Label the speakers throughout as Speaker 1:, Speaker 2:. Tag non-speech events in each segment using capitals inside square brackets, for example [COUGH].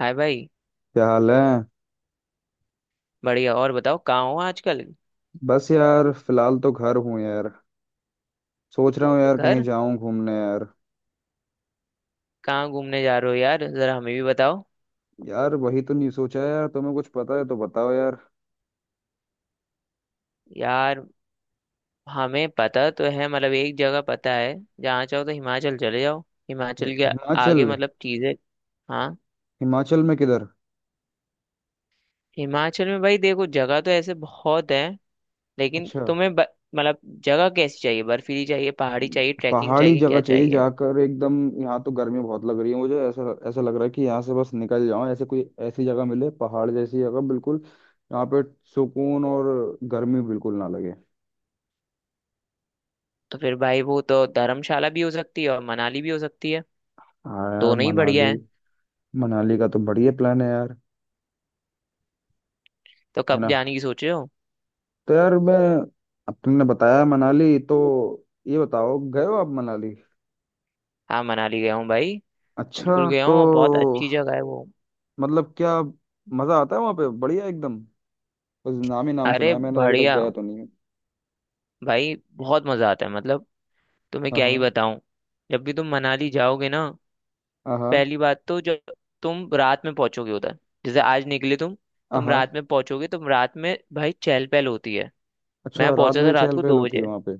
Speaker 1: हाय भाई।
Speaker 2: क्या हाल है।
Speaker 1: बढ़िया, और बताओ कहाँ हो आजकल?
Speaker 2: बस यार फिलहाल तो घर हूँ यार। सोच रहा हूँ यार कहीं
Speaker 1: घर।
Speaker 2: जाऊं घूमने यार।
Speaker 1: कहाँ घूमने जा रहे हो यार, जरा हमें भी बताओ।
Speaker 2: यार वही तो नहीं सोचा है यार, तुम्हें कुछ पता है तो बताओ यार।
Speaker 1: यार, हमें पता तो है, मतलब एक जगह पता है। जहाँ चाहो तो हिमाचल चले जाओ। हिमाचल के
Speaker 2: हिमाचल।
Speaker 1: आगे मतलब चीजें। हाँ।
Speaker 2: हिमाचल में किधर?
Speaker 1: हिमाचल में भाई देखो, जगह तो ऐसे बहुत है, लेकिन
Speaker 2: अच्छा,
Speaker 1: तुम्हें मतलब जगह कैसी चाहिए, बर्फीली चाहिए, पहाड़ी चाहिए, ट्रैकिंग
Speaker 2: पहाड़ी
Speaker 1: चाहिए,
Speaker 2: जगह
Speaker 1: क्या
Speaker 2: चाहिए
Speaker 1: चाहिए?
Speaker 2: जाकर एकदम। यहाँ तो गर्मी बहुत लग रही है, मुझे ऐसा ऐसा लग रहा है कि यहाँ से बस निकल जाऊं, ऐसे कोई ऐसी जगह मिले पहाड़ जैसी जगह बिल्कुल। यहाँ पे सुकून और गर्मी बिल्कुल ना लगे।
Speaker 1: तो फिर भाई वो तो धर्मशाला भी हो सकती है और मनाली भी हो सकती है।
Speaker 2: हाँ यार,
Speaker 1: दोनों ही
Speaker 2: मनाली।
Speaker 1: बढ़िया है।
Speaker 2: मनाली का तो बढ़िया प्लान है यार।
Speaker 1: तो
Speaker 2: है
Speaker 1: कब
Speaker 2: ना।
Speaker 1: जाने की सोचे हो?
Speaker 2: तो यार मैं, अब तुमने बताया मनाली तो ये बताओ, गए हो आप मनाली?
Speaker 1: हाँ, मनाली गया हूँ भाई।
Speaker 2: अच्छा।
Speaker 1: बिल्कुल गया हूँ,
Speaker 2: तो
Speaker 1: और बहुत अच्छी जगह है वो।
Speaker 2: मतलब क्या, मजा आता है वहाँ पे बढ़िया एकदम? बस नाम ही नाम सुना
Speaker 1: अरे
Speaker 2: है, मैंने अभी तक
Speaker 1: बढ़िया।
Speaker 2: गया तो नहीं है।
Speaker 1: भाई बहुत मजा आता है, मतलब तुम्हें
Speaker 2: हाँ
Speaker 1: क्या ही
Speaker 2: हाँ।
Speaker 1: बताऊं। जब भी तुम मनाली जाओगे ना,
Speaker 2: हाँ
Speaker 1: पहली बात तो जब तुम रात में पहुंचोगे उधर, जैसे आज निकले तुम
Speaker 2: हाँ।
Speaker 1: तुम
Speaker 2: हाँ।
Speaker 1: रात में पहुंचोगे, तुम रात में भाई चहल पहल होती है। मैं
Speaker 2: अच्छा, रात
Speaker 1: पहुंचा
Speaker 2: में
Speaker 1: था
Speaker 2: भी
Speaker 1: रात
Speaker 2: चहल
Speaker 1: को
Speaker 2: पहल
Speaker 1: दो
Speaker 2: होती है
Speaker 1: बजे
Speaker 2: वहाँ पे?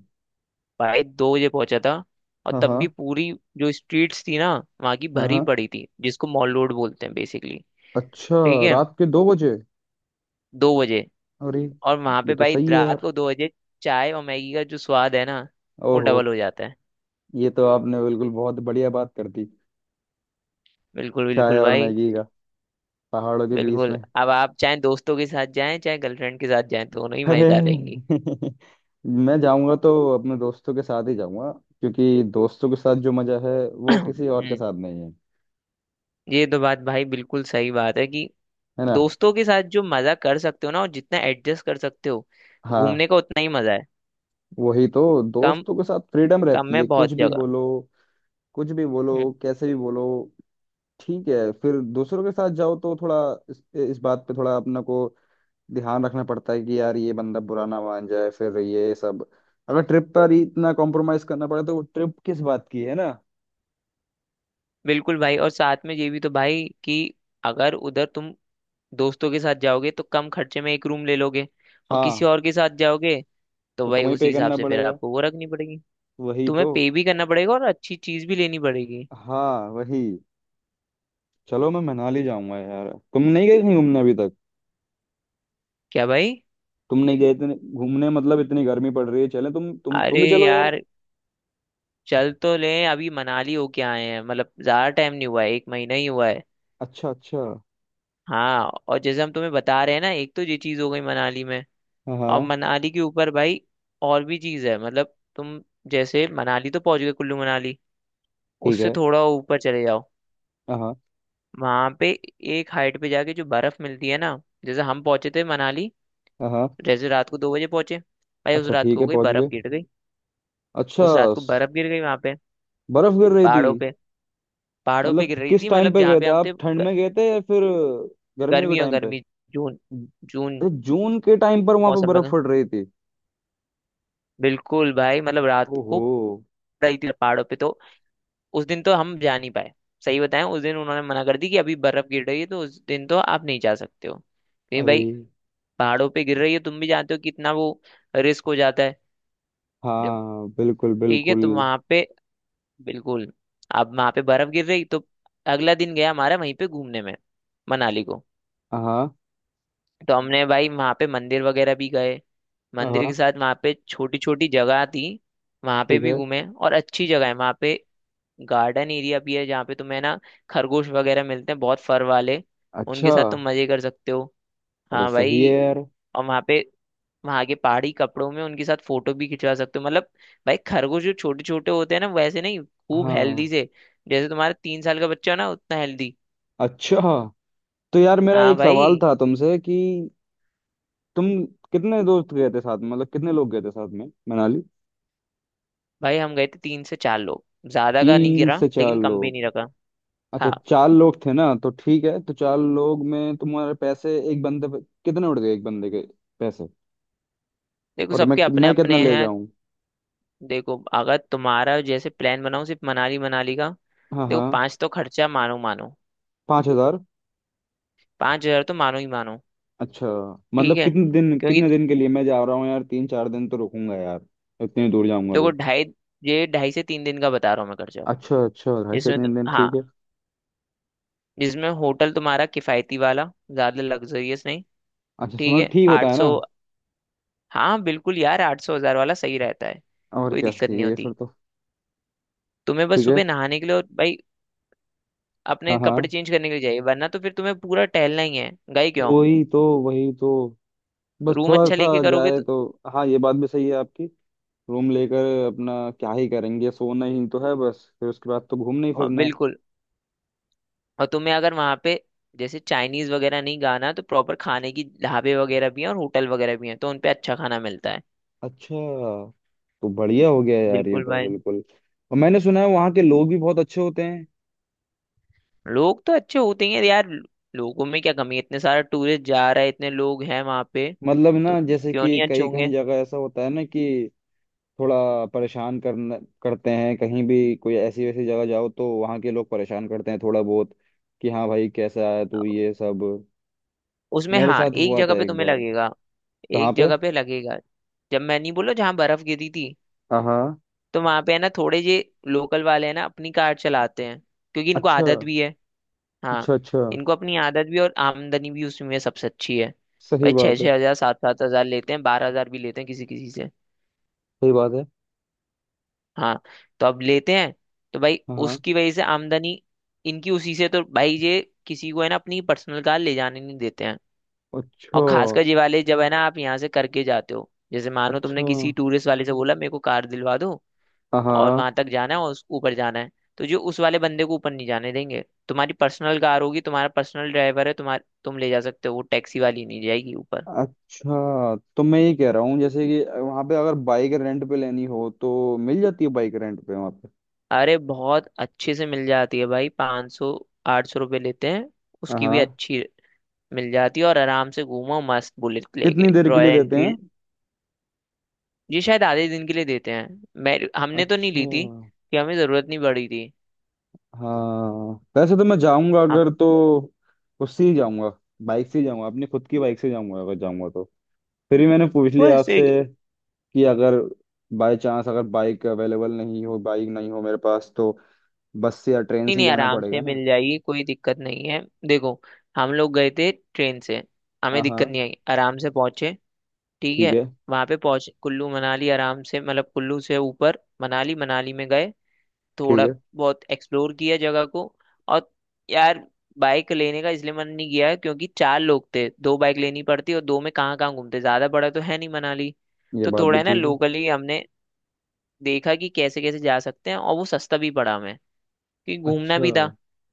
Speaker 1: भाई 2 बजे पहुंचा था, और
Speaker 2: हाँ
Speaker 1: तब
Speaker 2: हाँ।
Speaker 1: भी पूरी जो स्ट्रीट्स थी ना वहाँ की,
Speaker 2: हाँ
Speaker 1: भरी
Speaker 2: हाँ।
Speaker 1: पड़ी थी, जिसको मॉल रोड बोलते हैं बेसिकली।
Speaker 2: अच्छा,
Speaker 1: ठीक है।
Speaker 2: रात के 2 बजे?
Speaker 1: 2 बजे।
Speaker 2: अरे,
Speaker 1: और वहां
Speaker 2: ये
Speaker 1: पे
Speaker 2: तो
Speaker 1: भाई
Speaker 2: सही है
Speaker 1: रात
Speaker 2: यार।
Speaker 1: को 2 बजे चाय और मैगी का जो स्वाद है ना, वो
Speaker 2: ओहो।
Speaker 1: डबल हो जाता है।
Speaker 2: ये तो आपने बिल्कुल बहुत बढ़िया बात कर दी।
Speaker 1: बिल्कुल
Speaker 2: चाय
Speaker 1: बिल्कुल
Speaker 2: और
Speaker 1: भाई।
Speaker 2: मैगी का, पहाड़ों के बीच
Speaker 1: बिल्कुल,
Speaker 2: में।
Speaker 1: अब आप चाहे दोस्तों के साथ जाएं चाहे गर्लफ्रेंड के साथ जाएं, दोनों ही
Speaker 2: अरे
Speaker 1: मजेदार रहेंगी।
Speaker 2: [LAUGHS] मैं जाऊंगा तो अपने दोस्तों के साथ ही जाऊंगा, क्योंकि दोस्तों के साथ जो मजा है
Speaker 1: [CLEARS THROAT]
Speaker 2: वो किसी और के
Speaker 1: हम्म,
Speaker 2: साथ नहीं है।
Speaker 1: ये तो बात भाई बिल्कुल सही बात है कि
Speaker 2: है ना।
Speaker 1: दोस्तों के साथ जो मजा कर सकते हो ना, और जितना एडजस्ट कर सकते हो,
Speaker 2: हाँ,
Speaker 1: घूमने का उतना ही मजा है।
Speaker 2: वही तो,
Speaker 1: कम।
Speaker 2: दोस्तों के साथ फ्रीडम
Speaker 1: कम
Speaker 2: रहती है,
Speaker 1: में
Speaker 2: कुछ
Speaker 1: बहुत
Speaker 2: भी
Speaker 1: जगह।
Speaker 2: बोलो, कुछ भी
Speaker 1: हम्म।
Speaker 2: बोलो, कैसे भी बोलो। ठीक है, फिर दूसरों के साथ जाओ तो थोड़ा इस, इस बात पे थोड़ा अपने को ध्यान रखना पड़ता है कि यार ये बंदा बुरा ना मान जाए, फिर ये सब। अगर ट्रिप पर ही इतना कॉम्प्रोमाइज करना पड़े, तो वो ट्रिप किस बात की है ना।
Speaker 1: बिल्कुल भाई, और साथ में ये भी तो भाई कि अगर उधर तुम दोस्तों के साथ जाओगे तो कम खर्चे में एक रूम ले लोगे, और किसी
Speaker 2: हाँ।
Speaker 1: और के साथ जाओगे तो
Speaker 2: तो
Speaker 1: भाई
Speaker 2: तुम्हें
Speaker 1: उसी
Speaker 2: पे
Speaker 1: हिसाब
Speaker 2: करना
Speaker 1: से फिर
Speaker 2: पड़ेगा।
Speaker 1: आपको वो रखनी पड़ेगी।
Speaker 2: वही
Speaker 1: तुम्हें
Speaker 2: तो।
Speaker 1: पे भी करना पड़ेगा और अच्छी चीज भी लेनी पड़ेगी।
Speaker 2: हाँ, वही। चलो, मैं मनाली जाऊंगा यार। तुम नहीं गए कहीं घूमने अभी तक?
Speaker 1: क्या भाई।
Speaker 2: तुम नहीं गए इतने घूमने, मतलब इतनी गर्मी पड़ रही है, चले तुम
Speaker 1: अरे
Speaker 2: भी चलो यार।
Speaker 1: यार चल तो लें, अभी मनाली होके आए हैं, मतलब ज्यादा टाइम नहीं हुआ है, एक महीना ही हुआ है।
Speaker 2: अच्छा अच्छा।
Speaker 1: हाँ, और जैसे हम तुम्हें बता रहे हैं ना, एक तो ये चीज हो गई मनाली में,
Speaker 2: हाँ
Speaker 1: और
Speaker 2: हाँ।
Speaker 1: मनाली के ऊपर भाई और भी चीज है, मतलब तुम जैसे मनाली तो पहुंच गए, कुल्लू मनाली,
Speaker 2: ठीक
Speaker 1: उससे
Speaker 2: है।
Speaker 1: थोड़ा ऊपर चले जाओ,
Speaker 2: हाँ
Speaker 1: वहां पे एक हाइट पे जाके जो बर्फ मिलती है ना। जैसे हम पहुंचे थे मनाली,
Speaker 2: हाँ। हाँ।
Speaker 1: जैसे रात को दो बजे पहुंचे भाई, उस
Speaker 2: अच्छा,
Speaker 1: रात को
Speaker 2: ठीक
Speaker 1: हो
Speaker 2: है,
Speaker 1: गई,
Speaker 2: पहुंच
Speaker 1: बर्फ
Speaker 2: गए।
Speaker 1: गिर गई।
Speaker 2: अच्छा।
Speaker 1: उस रात को
Speaker 2: स-
Speaker 1: बर्फ गिर गई वहां पे,
Speaker 2: बर्फ गिर रही थी?
Speaker 1: पहाड़ों पे। पहाड़ों पे
Speaker 2: मतलब
Speaker 1: गिर रही
Speaker 2: किस
Speaker 1: थी,
Speaker 2: टाइम
Speaker 1: मतलब
Speaker 2: पर
Speaker 1: जहाँ
Speaker 2: गए
Speaker 1: पे
Speaker 2: थे
Speaker 1: हम थे
Speaker 2: आप, ठंड में गए थे या फिर गर्मियों के
Speaker 1: गर्मी और
Speaker 2: टाइम पे?
Speaker 1: गर्मी। जून। जून
Speaker 2: अरे, जून के टाइम पर वहां पे
Speaker 1: मौसम में,
Speaker 2: बर्फ पड़ रही थी?
Speaker 1: बिल्कुल भाई, मतलब रात को
Speaker 2: ओहो।
Speaker 1: पड़ रही थी पहाड़ों पे। तो उस दिन तो हम जा नहीं पाए। सही बताएं उस दिन उन्होंने मना कर दी कि अभी बर्फ गिर रही है, तो उस दिन तो आप नहीं जा सकते हो। नहीं
Speaker 2: अरे।
Speaker 1: भाई पहाड़ों पे गिर रही है, तुम भी जानते हो कितना वो रिस्क हो जाता है। जब
Speaker 2: हाँ बिल्कुल
Speaker 1: ठीक है
Speaker 2: बिल्कुल।
Speaker 1: तो वहां पे, बिल्कुल, अब वहां पे बर्फ गिर रही तो अगला दिन गया हमारा वहीं पे घूमने में, मनाली को।
Speaker 2: हाँ
Speaker 1: तो हमने भाई वहां पे मंदिर वगैरह भी गए। मंदिर के
Speaker 2: हाँ।
Speaker 1: साथ वहां पे छोटी छोटी जगह थी, वहां पे
Speaker 2: ठीक
Speaker 1: भी
Speaker 2: है।
Speaker 1: घूमे, और अच्छी जगह है वहां पे। गार्डन एरिया भी है जहाँ पे तुम्हें ना खरगोश वगैरह मिलते हैं, बहुत फर वाले।
Speaker 2: अच्छा।
Speaker 1: उनके साथ तुम मजे कर सकते हो।
Speaker 2: अरे
Speaker 1: हाँ
Speaker 2: सही है
Speaker 1: भाई,
Speaker 2: यार।
Speaker 1: और वहाँ पे वहां के पहाड़ी कपड़ों में उनके साथ फोटो भी खिंचवा सकते हो, मतलब भाई खरगोश जो छोटे छोटे होते हैं ना वैसे नहीं, खूब हेल्दी,
Speaker 2: हाँ।
Speaker 1: से जैसे तुम्हारा 3 साल का बच्चा हो ना, उतना हेल्दी।
Speaker 2: अच्छा, तो यार मेरा
Speaker 1: हाँ
Speaker 2: एक सवाल
Speaker 1: भाई।
Speaker 2: था तुमसे कि तुम कितने दोस्त गए थे साथ में, मतलब कितने लोग गए थे साथ में मनाली?
Speaker 1: भाई हम गए थे 3 से 4 लोग। ज्यादा का नहीं
Speaker 2: तीन
Speaker 1: गिरा
Speaker 2: से चार
Speaker 1: लेकिन कम भी
Speaker 2: लोग
Speaker 1: नहीं रखा।
Speaker 2: अच्छा,
Speaker 1: हाँ,
Speaker 2: 4 लोग थे ना, तो ठीक है, तो 4 लोग में तुम्हारे पैसे एक बंदे पे कितने उड़ गए, एक बंदे के पैसे?
Speaker 1: देखो
Speaker 2: और मैं
Speaker 1: सबके अपने
Speaker 2: मैं कितना
Speaker 1: अपने
Speaker 2: ले
Speaker 1: हैं।
Speaker 2: जाऊं?
Speaker 1: देखो अगर तुम्हारा जैसे प्लान बनाओ सिर्फ मनाली, मनाली का,
Speaker 2: हाँ
Speaker 1: देखो
Speaker 2: हाँ।
Speaker 1: पाँच तो खर्चा, मानो मानो।
Speaker 2: 5 हज़ार?
Speaker 1: 5 हजार तो मानो ही मानो।
Speaker 2: अच्छा,
Speaker 1: ठीक
Speaker 2: मतलब
Speaker 1: है,
Speaker 2: कितने दिन,
Speaker 1: क्योंकि
Speaker 2: कितने दिन के लिए मैं जा रहा हूँ यार, 3 4 दिन तो रुकूंगा यार, इतनी दूर जाऊंगा
Speaker 1: देखो
Speaker 2: तो।
Speaker 1: ढाई, ये 2.5 से 3 दिन का बता रहा हूँ मैं खर्चा।
Speaker 2: अच्छा अच्छा, ढाई से
Speaker 1: इसमें तो
Speaker 2: तीन दिन
Speaker 1: हाँ,
Speaker 2: ठीक है।
Speaker 1: जिसमें होटल तुम्हारा किफायती वाला, ज्यादा लग्जरियस नहीं,
Speaker 2: अच्छा,
Speaker 1: ठीक
Speaker 2: समझ,
Speaker 1: है,
Speaker 2: ठीक होता
Speaker 1: आठ
Speaker 2: है ना।
Speaker 1: सौ हाँ बिल्कुल यार, आठ सौ हजार वाला सही रहता है।
Speaker 2: और
Speaker 1: कोई
Speaker 2: क्या
Speaker 1: दिक्कत नहीं
Speaker 2: चाहिए, ये फिर
Speaker 1: होती।
Speaker 2: तो
Speaker 1: तुम्हें बस
Speaker 2: ठीक है।
Speaker 1: सुबह नहाने के लिए और भाई अपने
Speaker 2: हाँ
Speaker 1: कपड़े
Speaker 2: हाँ,
Speaker 1: चेंज करने के लिए चाहिए, वरना तो फिर तुम्हें पूरा टहलना ही है, गए क्यों?
Speaker 2: वही तो, वही तो, बस
Speaker 1: रूम
Speaker 2: थोड़ा
Speaker 1: अच्छा
Speaker 2: सा
Speaker 1: लेके करोगे
Speaker 2: जाए
Speaker 1: तो
Speaker 2: तो। हाँ, ये बात भी सही है आपकी, रूम लेकर अपना क्या ही करेंगे, सोना ही तो है, बस फिर उसके बाद तो घूमना ही फिरना है।
Speaker 1: बिल्कुल। और तुम्हें अगर वहां पे जैसे चाइनीज वगैरह नहीं गाना तो प्रॉपर खाने की ढाबे वगैरह भी हैं और होटल वगैरह भी हैं, तो उनपे अच्छा खाना मिलता है।
Speaker 2: अच्छा, तो बढ़िया हो गया यार ये
Speaker 1: बिल्कुल
Speaker 2: तो
Speaker 1: भाई।
Speaker 2: बिल्कुल। और मैंने सुना है वहाँ के लोग भी बहुत अच्छे होते हैं।
Speaker 1: लोग तो अच्छे होते हैं यार। लोगों में क्या कमी है, इतने सारे टूरिस्ट जा रहे हैं, इतने लोग हैं वहां पे,
Speaker 2: मतलब
Speaker 1: तो
Speaker 2: ना, जैसे
Speaker 1: क्यों
Speaker 2: कि
Speaker 1: नहीं अच्छे
Speaker 2: कई कहीं
Speaker 1: होंगे।
Speaker 2: जगह ऐसा होता है ना कि थोड़ा परेशान करना करते हैं, कहीं भी कोई ऐसी वैसी जगह जाओ तो वहाँ के लोग परेशान करते हैं थोड़ा बहुत, कि हाँ भाई कैसा है तू ये सब।
Speaker 1: उसमें
Speaker 2: मेरे
Speaker 1: हाँ,
Speaker 2: साथ
Speaker 1: एक
Speaker 2: हुआ था
Speaker 1: जगह पे
Speaker 2: एक
Speaker 1: तुम्हें
Speaker 2: बार।
Speaker 1: लगेगा,
Speaker 2: कहाँ
Speaker 1: एक
Speaker 2: पे?
Speaker 1: जगह पे लगेगा, जब मैं नहीं बोला जहाँ बर्फ गिरी थी,
Speaker 2: हाँ हाँ।
Speaker 1: तो वहां पे है ना थोड़े जे लोकल वाले हैं ना, अपनी कार चलाते हैं, क्योंकि इनको
Speaker 2: अच्छा
Speaker 1: आदत भी है। हाँ।
Speaker 2: अच्छा। अच्छा।
Speaker 1: इनको अपनी आदत भी और आमदनी भी उसमें सबसे अच्छी है।
Speaker 2: सही
Speaker 1: भाई छः
Speaker 2: बात है।
Speaker 1: छः हजार 7-7 हजार लेते हैं, 12 हजार भी लेते हैं किसी किसी से।
Speaker 2: सही बात है।
Speaker 1: हाँ, तो अब लेते हैं तो भाई
Speaker 2: हाँ हाँ।
Speaker 1: उसकी वजह से, आमदनी इनकी उसी से, तो भाई ये किसी को है ना अपनी पर्सनल कार ले जाने नहीं देते हैं। और
Speaker 2: अच्छा
Speaker 1: खासकर ये वाले, जब है ना, आप यहाँ से करके जाते हो जैसे, मानो तुमने
Speaker 2: अच्छा।
Speaker 1: किसी टूरिस्ट वाले से बोला मेरे को कार दिलवा दो,
Speaker 2: हाँ
Speaker 1: और
Speaker 2: हाँ।
Speaker 1: वहां तक जाना है और उस ऊपर जाना है, तो जो उस वाले बंदे को ऊपर नहीं जाने देंगे। तुम्हारी पर्सनल कार होगी, तुम्हारा पर्सनल ड्राइवर है, तुम ले जा सकते हो, वो टैक्सी वाली नहीं जाएगी ऊपर।
Speaker 2: अच्छा, तो मैं ये कह रहा हूँ, जैसे कि वहाँ पे अगर बाइक रेंट पे लेनी हो तो मिल जाती है बाइक रेंट पे वहाँ पे?
Speaker 1: अरे बहुत अच्छे से मिल जाती है भाई, 500-800 रुपये लेते हैं।
Speaker 2: हाँ
Speaker 1: उसकी भी
Speaker 2: हाँ।
Speaker 1: अच्छी मिल जाती है, और आराम से घूमो मस्त, बुलेट
Speaker 2: कितनी
Speaker 1: लेके,
Speaker 2: देर के
Speaker 1: रॉयल
Speaker 2: लिए देते हैं?
Speaker 1: एनफील्ड। ये शायद आधे दिन के लिए देते हैं। मैं हमने तो नहीं
Speaker 2: अच्छा।
Speaker 1: ली थी, कि हमें जरूरत नहीं पड़ी थी।
Speaker 2: हाँ, वैसे तो मैं जाऊंगा
Speaker 1: हम
Speaker 2: अगर तो उससे ही जाऊंगा, बाइक से ही जाऊंगा, अपनी खुद की बाइक से जाऊंगा अगर जाऊंगा तो। फिर भी मैंने पूछ लिया
Speaker 1: बस एक
Speaker 2: आपसे कि अगर बाय चांस अगर बाइक अवेलेबल नहीं हो, बाइक नहीं हो मेरे पास, तो बस से या ट्रेन
Speaker 1: नहीं
Speaker 2: से ही
Speaker 1: नहीं,
Speaker 2: जाना
Speaker 1: आराम
Speaker 2: पड़ेगा
Speaker 1: से
Speaker 2: ना?
Speaker 1: मिल जाएगी, कोई दिक्कत नहीं है। देखो, हम लोग गए थे ट्रेन से,
Speaker 2: हाँ
Speaker 1: हमें दिक्कत
Speaker 2: हाँ।
Speaker 1: नहीं आई, आराम से पहुंचे। ठीक
Speaker 2: ठीक
Speaker 1: है।
Speaker 2: है।
Speaker 1: वहां पे पहुंच कुल्लू मनाली आराम से, मतलब कुल्लू से ऊपर मनाली, मनाली में गए,
Speaker 2: ठीक
Speaker 1: थोड़ा
Speaker 2: है।
Speaker 1: बहुत एक्सप्लोर किया जगह को। और यार बाइक लेने का इसलिए मन नहीं किया है क्योंकि 4 लोग थे, 2 बाइक लेनी पड़ती, और दो में कहाँ कहाँ घूमते, ज्यादा बड़ा तो है नहीं मनाली।
Speaker 2: ये
Speaker 1: तो
Speaker 2: बात
Speaker 1: थोड़ा
Speaker 2: भी
Speaker 1: है ना
Speaker 2: ठीक है।
Speaker 1: लोकली हमने देखा कि कैसे कैसे जा सकते हैं, और वो सस्ता भी पड़ा हमें, क्योंकि घूमना
Speaker 2: अच्छा।
Speaker 1: भी था।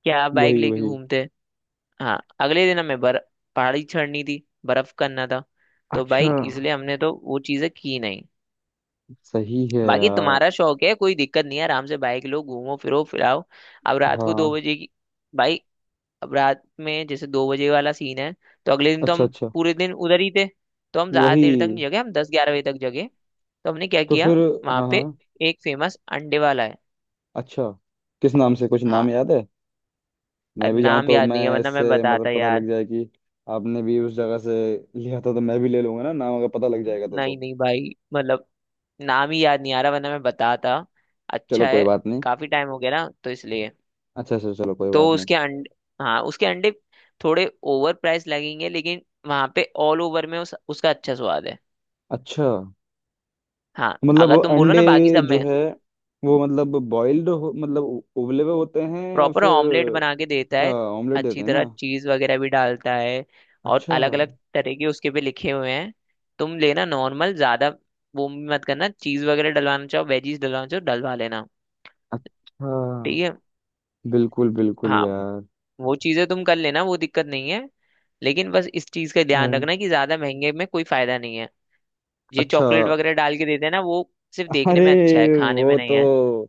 Speaker 1: क्या आप बाइक
Speaker 2: वही
Speaker 1: लेके
Speaker 2: वही।
Speaker 1: घूमते? हाँ, अगले दिन हमें बर पहाड़ी चढ़नी थी, बर्फ करना था, तो भाई
Speaker 2: अच्छा
Speaker 1: इसलिए हमने तो वो चीजें की नहीं।
Speaker 2: सही है
Speaker 1: बाकी
Speaker 2: यार।
Speaker 1: तुम्हारा शौक है, कोई दिक्कत नहीं है, आराम से बाइक लो, घूमो फिरो फिराओ। अब रात को दो
Speaker 2: हाँ।
Speaker 1: बजे की भाई, अब रात में जैसे 2 बजे वाला सीन है, तो अगले दिन तो
Speaker 2: अच्छा
Speaker 1: हम
Speaker 2: अच्छा।
Speaker 1: पूरे दिन उधर ही थे, तो हम ज्यादा देर तक
Speaker 2: वही,
Speaker 1: नहीं जगे, हम 10-11 बजे तक जगे। तो हमने क्या
Speaker 2: तो फिर।
Speaker 1: किया, वहां
Speaker 2: हाँ
Speaker 1: पे
Speaker 2: हाँ।
Speaker 1: एक फेमस अंडे वाला है।
Speaker 2: अच्छा, किस नाम से, कुछ
Speaker 1: हाँ।
Speaker 2: नाम याद है? मैं
Speaker 1: अरे
Speaker 2: भी जाऊँ
Speaker 1: नाम
Speaker 2: तो
Speaker 1: याद नहीं है
Speaker 2: मैं
Speaker 1: वरना मैं
Speaker 2: इससे मतलब
Speaker 1: बताता
Speaker 2: पता
Speaker 1: यार।
Speaker 2: लग जाए कि आपने भी उस जगह से लिया था, तो मैं भी ले लूंगा ना, नाम अगर पता लग जाएगा तो
Speaker 1: नहीं नहीं भाई, मतलब नाम ही याद नहीं आ रहा वरना मैं बताता,
Speaker 2: चलो
Speaker 1: अच्छा
Speaker 2: कोई
Speaker 1: है।
Speaker 2: बात नहीं।
Speaker 1: काफी टाइम हो गया ना तो इसलिए।
Speaker 2: अच्छा अच्छा, चलो कोई
Speaker 1: तो
Speaker 2: बात नहीं।
Speaker 1: उसके अंडे, हाँ, उसके अंडे थोड़े ओवर प्राइस लगेंगे, लेकिन वहां पे ऑल ओवर में उसका अच्छा स्वाद है।
Speaker 2: अच्छा,
Speaker 1: हाँ,
Speaker 2: मतलब
Speaker 1: अगर
Speaker 2: वो
Speaker 1: तुम बोलो
Speaker 2: अंडे
Speaker 1: ना बाकी सब
Speaker 2: जो
Speaker 1: में।
Speaker 2: है वो मतलब बॉइल्ड, मतलब उबले हुए होते हैं या
Speaker 1: प्रॉपर
Speaker 2: फिर?
Speaker 1: ऑमलेट बना के देता
Speaker 2: अच्छा,
Speaker 1: है,
Speaker 2: ऑमलेट देते
Speaker 1: अच्छी
Speaker 2: हैं ना?
Speaker 1: तरह चीज वगैरह भी डालता है, और
Speaker 2: अच्छा
Speaker 1: अलग अलग तरह के उसके पे लिखे हुए हैं। तुम लेना नॉर्मल, ज्यादा वो भी मत करना, चीज वगैरह डलवाना चाहो, वेजीज डलवाना चाहो, डलवा लेना।
Speaker 2: अच्छा।
Speaker 1: ठीक है।
Speaker 2: बिल्कुल बिल्कुल
Speaker 1: हाँ,
Speaker 2: यार।
Speaker 1: वो चीजें तुम कर लेना, वो दिक्कत नहीं है। लेकिन बस इस चीज का
Speaker 2: अ,
Speaker 1: ध्यान रखना कि ज्यादा महंगे में कोई फायदा नहीं है। ये
Speaker 2: अच्छा।
Speaker 1: चॉकलेट वगैरह डाल के देते हैं ना वो, सिर्फ देखने
Speaker 2: अरे,
Speaker 1: में अच्छा है, खाने में
Speaker 2: वो
Speaker 1: नहीं है।
Speaker 2: तो,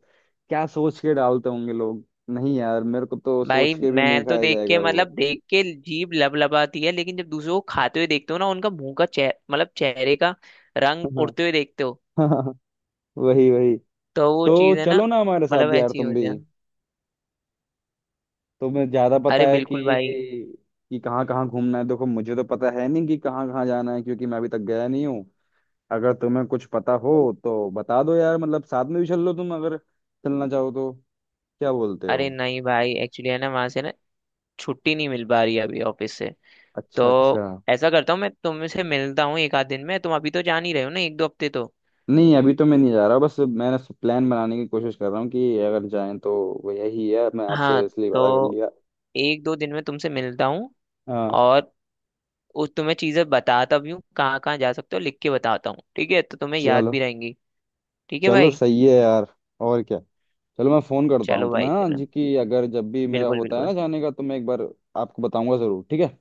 Speaker 2: क्या सोच के डालते होंगे लोग? नहीं यार, मेरे को तो
Speaker 1: भाई
Speaker 2: सोच के भी नहीं
Speaker 1: मैं तो
Speaker 2: खाया
Speaker 1: देख के,
Speaker 2: जाएगा
Speaker 1: मतलब
Speaker 2: वो।
Speaker 1: देख के जीभ लबलबाती है, लेकिन जब दूसरों को खाते हुए देखते हो ना, उनका मुंह का चेह मतलब चेहरे का रंग
Speaker 2: हाँ
Speaker 1: उड़ते हुए देखते हो,
Speaker 2: [LAUGHS] हाँ, वही वही।
Speaker 1: तो वो
Speaker 2: तो
Speaker 1: चीज है ना,
Speaker 2: चलो ना हमारे साथ
Speaker 1: मतलब
Speaker 2: यार
Speaker 1: ऐसी
Speaker 2: तुम
Speaker 1: हो
Speaker 2: भी,
Speaker 1: जाए।
Speaker 2: तुम्हें ज्यादा पता
Speaker 1: अरे
Speaker 2: है
Speaker 1: बिल्कुल भाई।
Speaker 2: कि कहाँ कहाँ घूमना है, देखो मुझे तो पता है नहीं कि कहाँ कहाँ जाना है, क्योंकि मैं अभी तक गया नहीं हूँ। अगर तुम्हें कुछ पता हो तो बता दो यार, मतलब साथ में भी चल लो तुम अगर चलना चाहो तो, क्या बोलते
Speaker 1: अरे
Speaker 2: हो?
Speaker 1: नहीं भाई, एक्चुअली है ना, वहां से ना छुट्टी नहीं मिल पा रही है अभी ऑफिस से, तो
Speaker 2: अच्छा अच्छा।
Speaker 1: ऐसा करता हूँ मैं, तुमसे मिलता हूँ एक आध दिन में, तुम अभी तो जान ही रहे हो ना, एक दो हफ्ते तो।
Speaker 2: नहीं, अभी तो मैं नहीं जा रहा, बस मैंने प्लान बनाने की कोशिश कर रहा हूँ कि अगर जाएं तो, वो यही है, मैं
Speaker 1: हाँ,
Speaker 2: आपसे इसलिए पता कर
Speaker 1: तो
Speaker 2: लिया।
Speaker 1: एक दो दिन में तुमसे मिलता हूँ,
Speaker 2: हाँ।
Speaker 1: और उस तुम्हें चीजें बताता भी हूँ कहाँ कहाँ जा सकते हो, लिख के बताता हूँ, ठीक है, तो तुम्हें याद
Speaker 2: चलो।
Speaker 1: भी रहेंगी। ठीक है
Speaker 2: चलो
Speaker 1: भाई।
Speaker 2: सही है यार। और क्या। चलो, मैं फ़ोन करता हूँ
Speaker 1: चलो भाई
Speaker 2: तुम्हें हाँ
Speaker 1: चलो।
Speaker 2: जी, कि अगर जब भी मेरा
Speaker 1: बिल्कुल
Speaker 2: होता है
Speaker 1: बिल्कुल।
Speaker 2: ना जाने का तो मैं एक बार आपको बताऊंगा ज़रूर, ठीक है?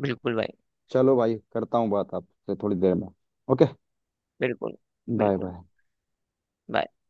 Speaker 1: बिल्कुल भाई।
Speaker 2: चलो भाई, करता हूँ बात आपसे थोड़ी देर में। ओके।
Speaker 1: बिल्कुल।
Speaker 2: बाय
Speaker 1: बिल्कुल
Speaker 2: बाय।
Speaker 1: bye।